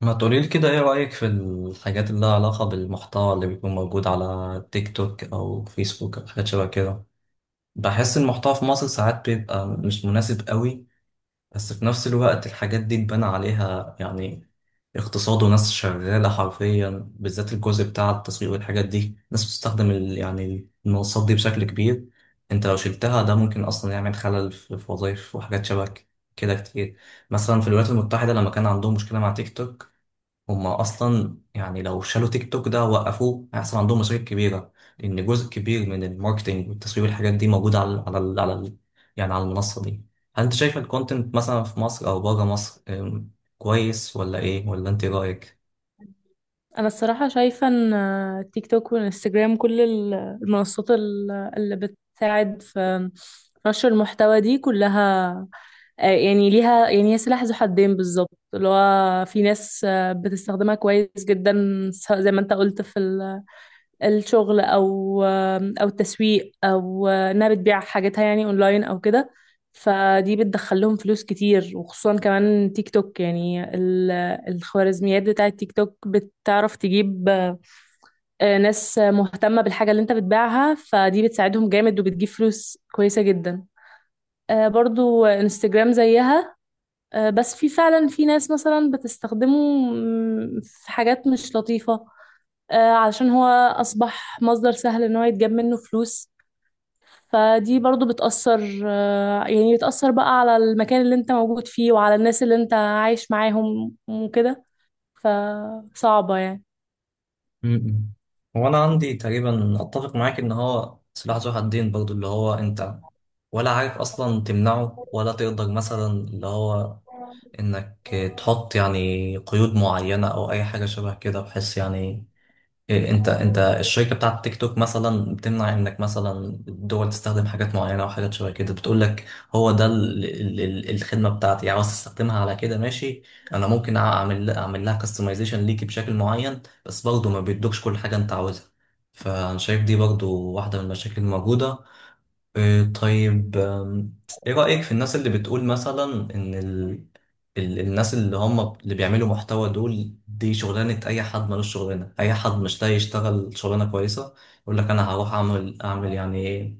ما تقولي لي كده، ايه رأيك في الحاجات اللي لها علاقة بالمحتوى اللي بيكون موجود على تيك توك او فيسبوك او حاجات شبه كده؟ بحس المحتوى في مصر ساعات بيبقى مش مناسب قوي، بس في نفس الوقت الحاجات دي تبان عليها، يعني اقتصاد وناس شغالة حرفيا، بالذات الجزء بتاع التسويق والحاجات دي ناس بتستخدم المنصات دي بشكل كبير. انت لو شلتها ده ممكن اصلا يعمل خلل في وظائف وحاجات شبه كده كتير. مثلا في الولايات المتحدة لما كان عندهم مشكلة مع تيك توك، هما اصلا يعني لو شالوا تيك توك ده وقفوه هيحصل عندهم مشاكل كبيره، لان جزء كبير من الماركتينج والتسويق والحاجات دي موجوده على ال على ال على ال يعني على المنصه دي. هل انت شايف الكونتنت مثلا في مصر او بره مصر كويس ولا ايه، ولا انت إيه رايك؟ انا الصراحه شايفه ان تيك توك والانستجرام، كل المنصات اللي بتساعد في نشر المحتوى دي كلها، يعني ليها، يعني هي سلاح ذو حدين بالظبط. اللي هو في ناس بتستخدمها كويس جدا، سواء زي ما انت قلت في الشغل او التسويق، او انها بتبيع حاجاتها يعني اونلاين او كده. فدي بتدخل لهم فلوس كتير، وخصوصا كمان تيك توك، يعني الخوارزميات بتاعة تيك توك بتعرف تجيب ناس مهتمة بالحاجة اللي انت بتبيعها، فدي بتساعدهم جامد وبتجيب فلوس كويسة جدا. برضو انستجرام زيها. بس في فعلا في ناس مثلا بتستخدمه، في حاجات مش لطيفة. علشان هو أصبح مصدر سهل إن هو يتجاب منه فلوس. فدي برضو بتأثر، يعني بتأثر بقى على المكان اللي انت موجود فيه وعلى الناس اللي انت عايش معاهم وكده. فصعبة يعني، م-م. هو انا عندي تقريبا اتفق معاك ان هو سلاح ذو حدين، برضو اللي هو انت ولا عارف اصلا تمنعه ولا تقدر، مثلا اللي هو انك تحط يعني قيود معينة او اي حاجة شبه كده بحيث يعني إيه. انت الشركه بتاعت تيك توك مثلا بتمنع انك مثلا الدول تستخدم حاجات معينه او حاجات شبه كده، بتقول لك هو ده ال ال ال الخدمه بتاعتي، يعني عاوز تستخدمها على كده ماشي، انا ممكن اعمل لها كاستمايزيشن ليكي بشكل معين، بس برضه ما بيدوكش كل حاجه انت عاوزها. فانا شايف دي برضه واحده من المشاكل الموجوده. إيه طيب، ايه رأيك في الناس اللي بتقول مثلا ان الناس اللي هم اللي بيعملوا محتوى دول، دي شغلانة اي حد ملوش شغلانة، اي حد مش لاقي يشتغل شغلانة كويسة يقول لك انا هروح اعمل يعني ايه،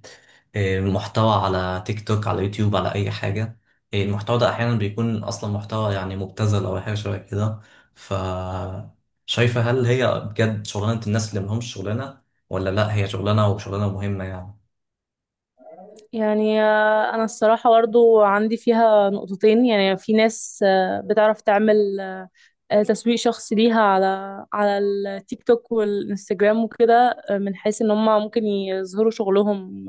إيه، محتوى على تيك توك، على يوتيوب، على اي حاجة، إيه، المحتوى ده احيانا بيكون اصلا محتوى يعني مبتذل او حاجة شبه كده. ف شايفة هل هي بجد شغلانة الناس اللي ملهمش شغلانة، ولا لا هي شغلانة وشغلانة مهمة يعني؟ أنا الصراحة برضو عندي فيها نقطتين. يعني في ناس بتعرف تعمل تسويق شخصي ليها على التيك توك والانستجرام وكده، من حيث ان هم ممكن يظهروا شغلهم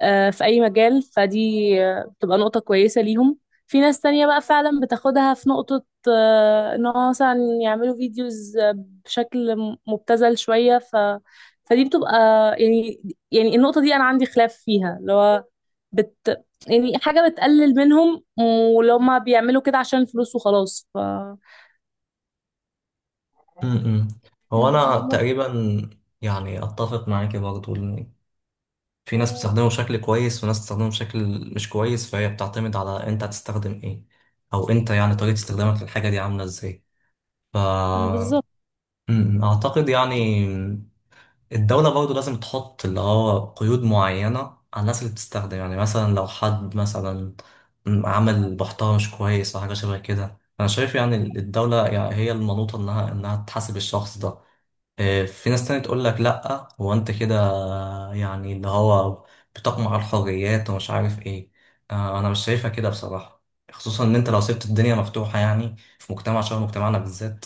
في أي مجال. فدي بتبقى نقطة كويسة ليهم. في ناس تانية بقى فعلا بتاخدها في نقطة، إن هو مثلا يعملوا فيديوز بشكل مبتذل شوية، فدي بتبقى يعني يعني النقطة دي أنا عندي خلاف فيها، اللي هو بت يعني حاجة بتقلل منهم، ولو هما بيعملوا كده عشان الفلوس وخلاص. م-م. هو انا بس- تقريبا يعني اتفق معاك برضو ان في ناس بتستخدمه بشكل كويس وناس بتستخدمه بشكل مش كويس، فهي بتعتمد على انت هتستخدم ايه، او انت يعني طريقة استخدامك للحاجة دي عاملة ازاي. ف بالظبط. م-م. اعتقد يعني الدولة برضو لازم تحط اللي هو قيود معينة على الناس اللي بتستخدم، يعني مثلا لو حد مثلا عمل محتوى مش كويس او حاجة شبه كده، انا شايف يعني الدولة يعني هي المنوطة انها تحاسب الشخص ده. في ناس تانية تقول لك لأ هو أنت كده يعني اللي هو بتقمع الحريات ومش عارف إيه. أنا مش شايفها كده بصراحة، خصوصا إن أنت لو سبت الدنيا مفتوحة، يعني في مجتمع شبه مجتمعنا بالذات،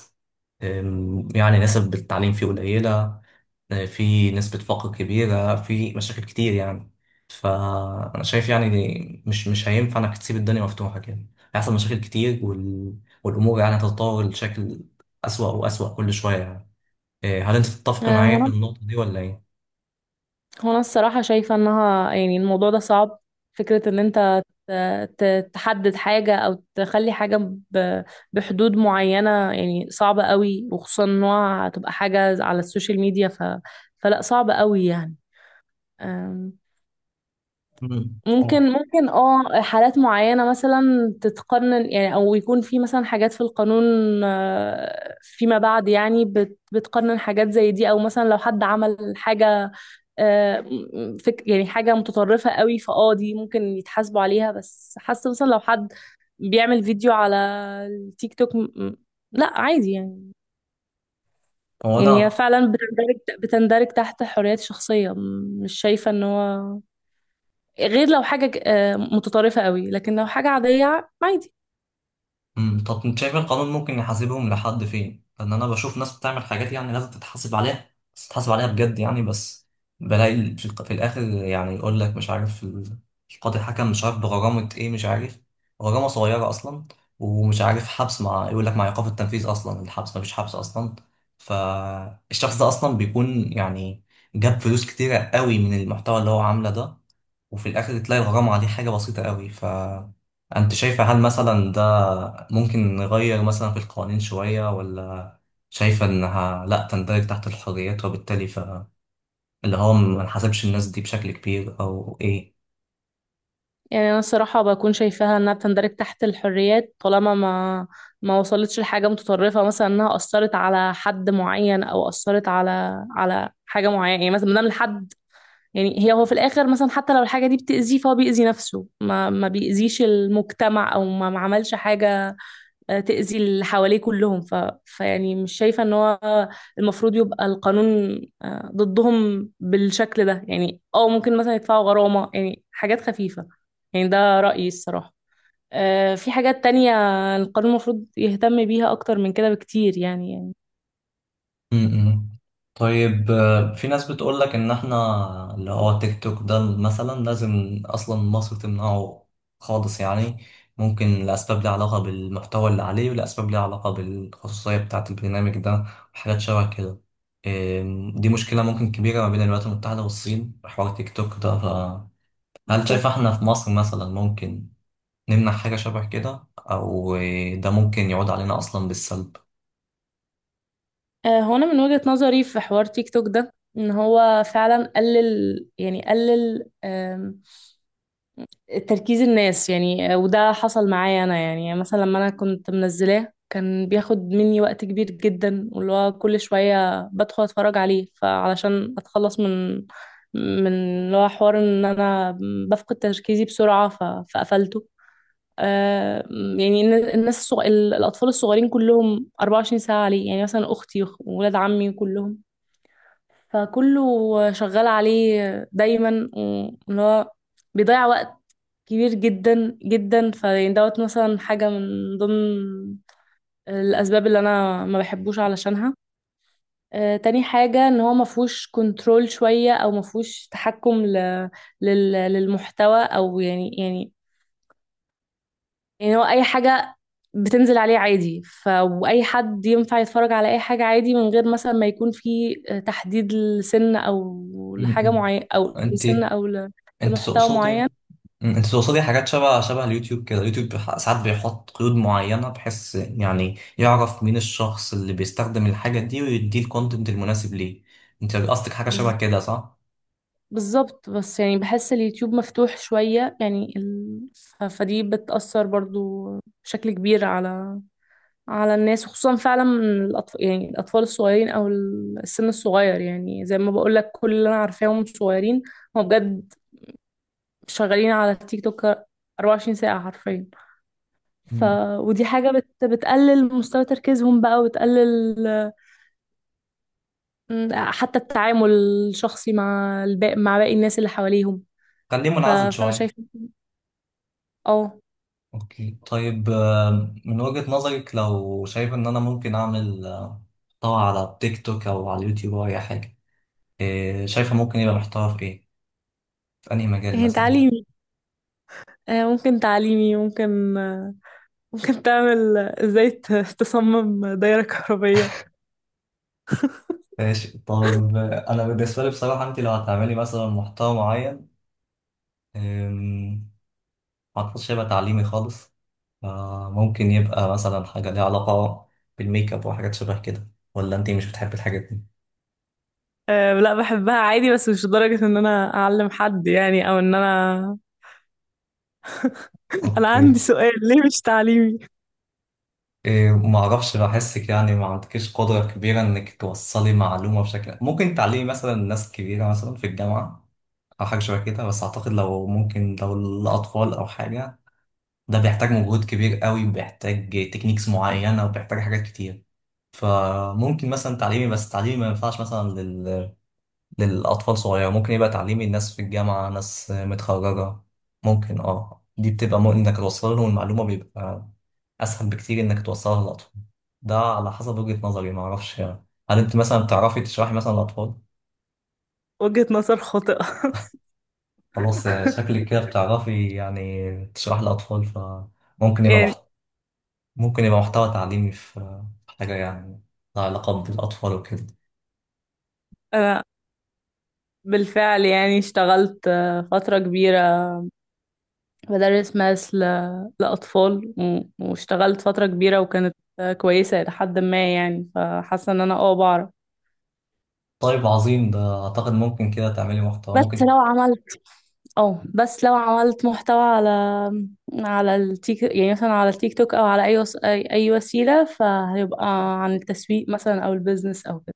يعني نسب التعليم فيه قليلة، في نسبة فقر كبيرة، في مشاكل كتير يعني. فأنا شايف يعني مش هينفع إنك تسيب الدنيا مفتوحة كده، هيحصل مشاكل كتير، والأمور يعني هتتطور لشكل أسوأ وأسوأ كل شوية يعني. إيه، هل انت تتفق آه، معايا هو في النقطة دي ولا ايه؟ هو انا الصراحة شايفة انها يعني الموضوع ده صعب. فكرة ان انت ت- تحدد حاجة او تخلي حاجة ب- بحدود معينة، يعني صعبة قوي، وخصوصا انها هتبقى حاجة على السوشيال ميديا، فلا، صعب قوي يعني. أم، مم. ممكن اه. ممكن حالات معينة مثلا تتقنن، يعني، او يكون في مثلا حاجات في القانون فيما بعد، يعني بتقنن حاجات زي دي. او مثلا لو حد عمل حاجة آه، فك يعني حاجة متطرفة قوي، دي ممكن يتحاسبوا عليها. بس حاسة مثلا لو حد بيعمل فيديو على التيك توك لا، عادي يعني. هو يعني هي انا. فعلا بتندرج تحت الحريات الشخصية. مش شايفة ان هو، غير لو حاجة متطرفة قوي، لكن لو حاجة عادية، عادي مم. طب انت شايف إيه القانون ممكن يحاسبهم لحد فين؟ لان انا بشوف ناس بتعمل حاجات يعني لازم تتحاسب عليها، بس تتحاسب عليها بجد يعني. بس بلاقي في في الاخر يعني يقول لك مش عارف القاضي حكم مش عارف بغرامة ايه، مش عارف، غرامة صغيرة اصلا، ومش عارف حبس، مع يقول لك مع ايقاف التنفيذ، اصلا الحبس مفيش حبس اصلا. فالشخص ده اصلا بيكون يعني جاب فلوس كتيرة قوي من المحتوى اللي هو عامله ده، وفي الاخر تلاقي الغرامة دي حاجة بسيطة قوي. فانت شايفة هل مثلا ده ممكن نغير مثلا في القوانين شوية، ولا شايفة انها لا تندرج تحت الحريات وبالتالي فاللي هو ما نحاسبش الناس دي بشكل كبير، او ايه؟ يعني. انا الصراحه بكون شايفاها انها بتندرج تحت الحريات، طالما ما وصلتش لحاجه متطرفه، مثلا انها اثرت على حد معين او اثرت على حاجه معينه، يعني مثلا ما دام الحد، يعني هو في الاخر، مثلا حتى لو الحاجه دي بتاذيه فهو بيأذي نفسه، ما بيأذيش المجتمع، او ما عملش حاجه تأذي اللي حواليه كلهم. فيعني مش شايفة ان هو المفروض يبقى القانون ضدهم بالشكل ده. يعني ممكن مثلا يدفعوا غرامة، يعني حاجات خفيفة، يعني ده رأيي الصراحة. في حاجات تانية القانون المفروض يهتم بيها أكتر من كده بكتير، يعني امم. طيب في ناس بتقول لك ان احنا اللي هو تيك توك ده مثلا لازم اصلا مصر تمنعه خالص يعني، ممكن لاسباب ليها علاقه بالمحتوى اللي عليه، ولاسباب ليها علاقه بالخصوصيه بتاعه البرنامج ده وحاجات شبه كده. دي مشكله ممكن كبيره ما بين الولايات المتحده والصين في حوار تيك توك ده. فهل شايف بالظبط. احنا في مصر مثلا ممكن نمنع حاجه شبه كده، او ده ممكن يعود علينا اصلا بالسلب؟ هو أنا من وجهة نظري في حوار تيك توك ده، إن هو فعلا قلل تركيز الناس. يعني وده حصل معايا انا، يعني مثلا لما انا كنت منزلاه كان بياخد مني وقت كبير جدا، واللي هو كل شوية بدخل اتفرج عليه، فعلشان اتخلص من اللي هو حوار ان انا بفقد تركيزي بسرعة، فقفلته. يعني الناس، الاطفال الصغيرين كلهم 24 ساعة عليه، يعني مثلا اختي واولاد عمي كلهم، فكله شغال عليه دايما، اللي هو بيضيع وقت كبير جدا جدا. فيعني دوت مثلا حاجة من ضمن الأسباب اللي أنا ما بحبوش علشانها. تاني حاجة إن هو مفهوش كنترول شوية، أو مفهوش تحكم للمحتوى، أو يعني هو اي حاجة بتنزل عليه عادي، ف واي حد ينفع يتفرج على اي حاجة عادي، من غير مثلا ما يكون في تحديد لسن، او لحاجة مم. معينة، او انت لسن، او انت لمحتوى معين. تقصدي، مم، انت تقصدي حاجات شبه شبه اليوتيوب كده؟ اليوتيوب ساعات بيحط قيود معينة بحيث يعني يعرف مين الشخص اللي بيستخدم الحاجة دي ويديه الكونتنت المناسب ليه. انت قصدك حاجة بز- شبه كده صح؟ بالظبط. بس يعني بحس اليوتيوب مفتوح شوية، يعني فدي بتأثر برضو بشكل كبير على الناس، خصوصا فعلا من الأطفال، يعني الأطفال الصغيرين أو السن الصغير. يعني زي ما بقول لك، كل اللي أنا عارفاهم صغيرين، هو بجد شغالين على التيك توك 24 ساعة حرفيا. ف مم. ودي حاجة بتقلل مستوى تركيزهم بقى، وتقلل حتى التعامل الشخصي مع باقي الناس اللي حواليهم. خليه منعزل فأنا شوية. شايفة اه اوكي. طيب من وجهة نظرك لو شايف ان انا ممكن اعمل محتوى على تيك توك او على اليوتيوب او اي حاجة، شايفة ممكن يبقى محتوى في ايه؟ في انهي مجال هي مثلا؟ تعليمي. ممكن تعليمي، ممكن ممكن تعمل ازاي تصمم دايرة كهربية. ماشي. طب انا بالنسبة لي بصراحة انت لو هتعملي مثلا محتوى معين، أم، ما أعتقدش هيبقى تعليمي خالص. ممكن يبقى مثلا حاجة ليها علاقة بالميك اب وحاجات شبه كده، ولا أنتي مش بتحبي الحاجات دي؟ أه، لا، بحبها عادي، بس مش لدرجة ان انا اعلم حد يعني، او ان انا انا عندي أوكي. سؤال ليه مش تعليمي. إيه، ما أعرفش بحسك يعني ما عندكيش قدرة كبيرة إنك توصلي معلومة بشكل ممكن تعلمي مثلا ناس كبيرة مثلا في الجامعة أو حاجة شبه كده، بس أعتقد لو ممكن لو الأطفال أو حاجة، ده بيحتاج مجهود كبير قوي، بيحتاج تكنيكس معينة وبيحتاج حاجات كتير. فممكن مثلا تعليمي، بس تعليمي ما ينفعش مثلا للأطفال صغيرة، ممكن يبقى تعليمي الناس في الجامعة، ناس متخرجة ممكن. اه دي بتبقى مو إنك توصل لهم المعلومة بيبقى أسهل بكتير إنك توصلها للأطفال. ده على حسب وجهة نظري، معرفش يعني هل أنت مثلا بتعرفي تشرحي مثلا للأطفال؟ وجهة نظر خاطئة. خلاص شكلك كده بتعرفي يعني تشرحي للأطفال، فممكن يبقى يعني، ممكن يبقى محتوى تعليمي في في حاجة يعني لها علاقة بالأطفال وكده. أنا بالفعل، يعني، اشتغلت فترة كبيرة بدرس ماس لأطفال، واشتغلت فترة كبيرة وكانت كويسة إلى حد ما، يعني فحاسة إن أنا بعرف. طيب عظيم، ده أعتقد ممكن كده تعملي محتوى بس ممكن. لو عملت اه بس لو عملت محتوى على التيك توك أو على أي وس... أي أي وسيلة، فهيبقى عن التسويق مثلا أو البيزنس أو كده.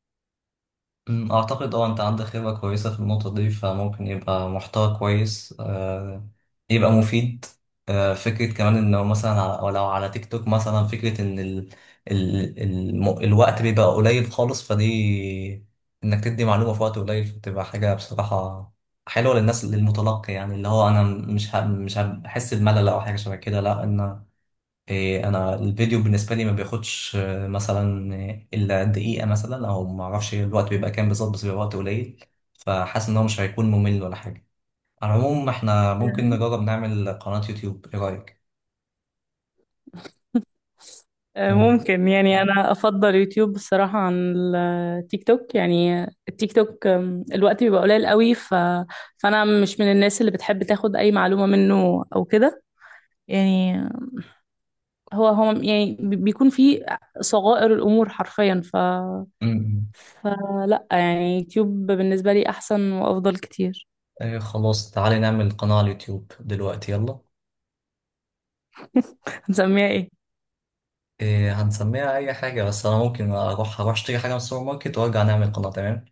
أمم، أعتقد أه أنت عندك خبرة كويسة في النقطة دي، فممكن يبقى محتوى كويس، يبقى مفيد. فكرة كمان إنه مثلا ولو على تيك توك مثلا، فكرة إن الوقت بيبقى قليل خالص، فدي إنك تدي معلومة في وقت قليل بتبقى حاجة بصراحة حلوة للناس، للمتلقي، يعني اللي هو أنا مش هحس بملل أو حاجة شبه كده لأ. إيه، انا الفيديو بالنسبه لي ما بياخدش مثلا الا دقيقه مثلا، او ما اعرفش الوقت بيبقى كام بالظبط، بس بيبقى وقت قليل، فحاسس ان هو مش هيكون ممل ولا حاجه. على العموم احنا ممكن نجرب نعمل قناه يوتيوب، ايه رايك؟ أوه. ممكن. يعني انا افضل يوتيوب بصراحة عن التيك توك. الوقت بيبقى قليل قوي، فانا مش من الناس اللي بتحب تاخد اي معلومة منه او كده. يعني هو، يعني، بيكون فيه صغائر الامور حرفيا. أمم. فلا، يعني يوتيوب بالنسبة لي احسن وافضل كتير. إيه خلاص، تعالي نعمل قناه على اليوتيوب دلوقتي يلا. هنسميها ايه؟ إيه هنسميها اي حاجه، بس انا ممكن اروح اشتري حاجه من السوبر ماركت وارجع نعمل قناه، تمام.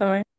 تمام.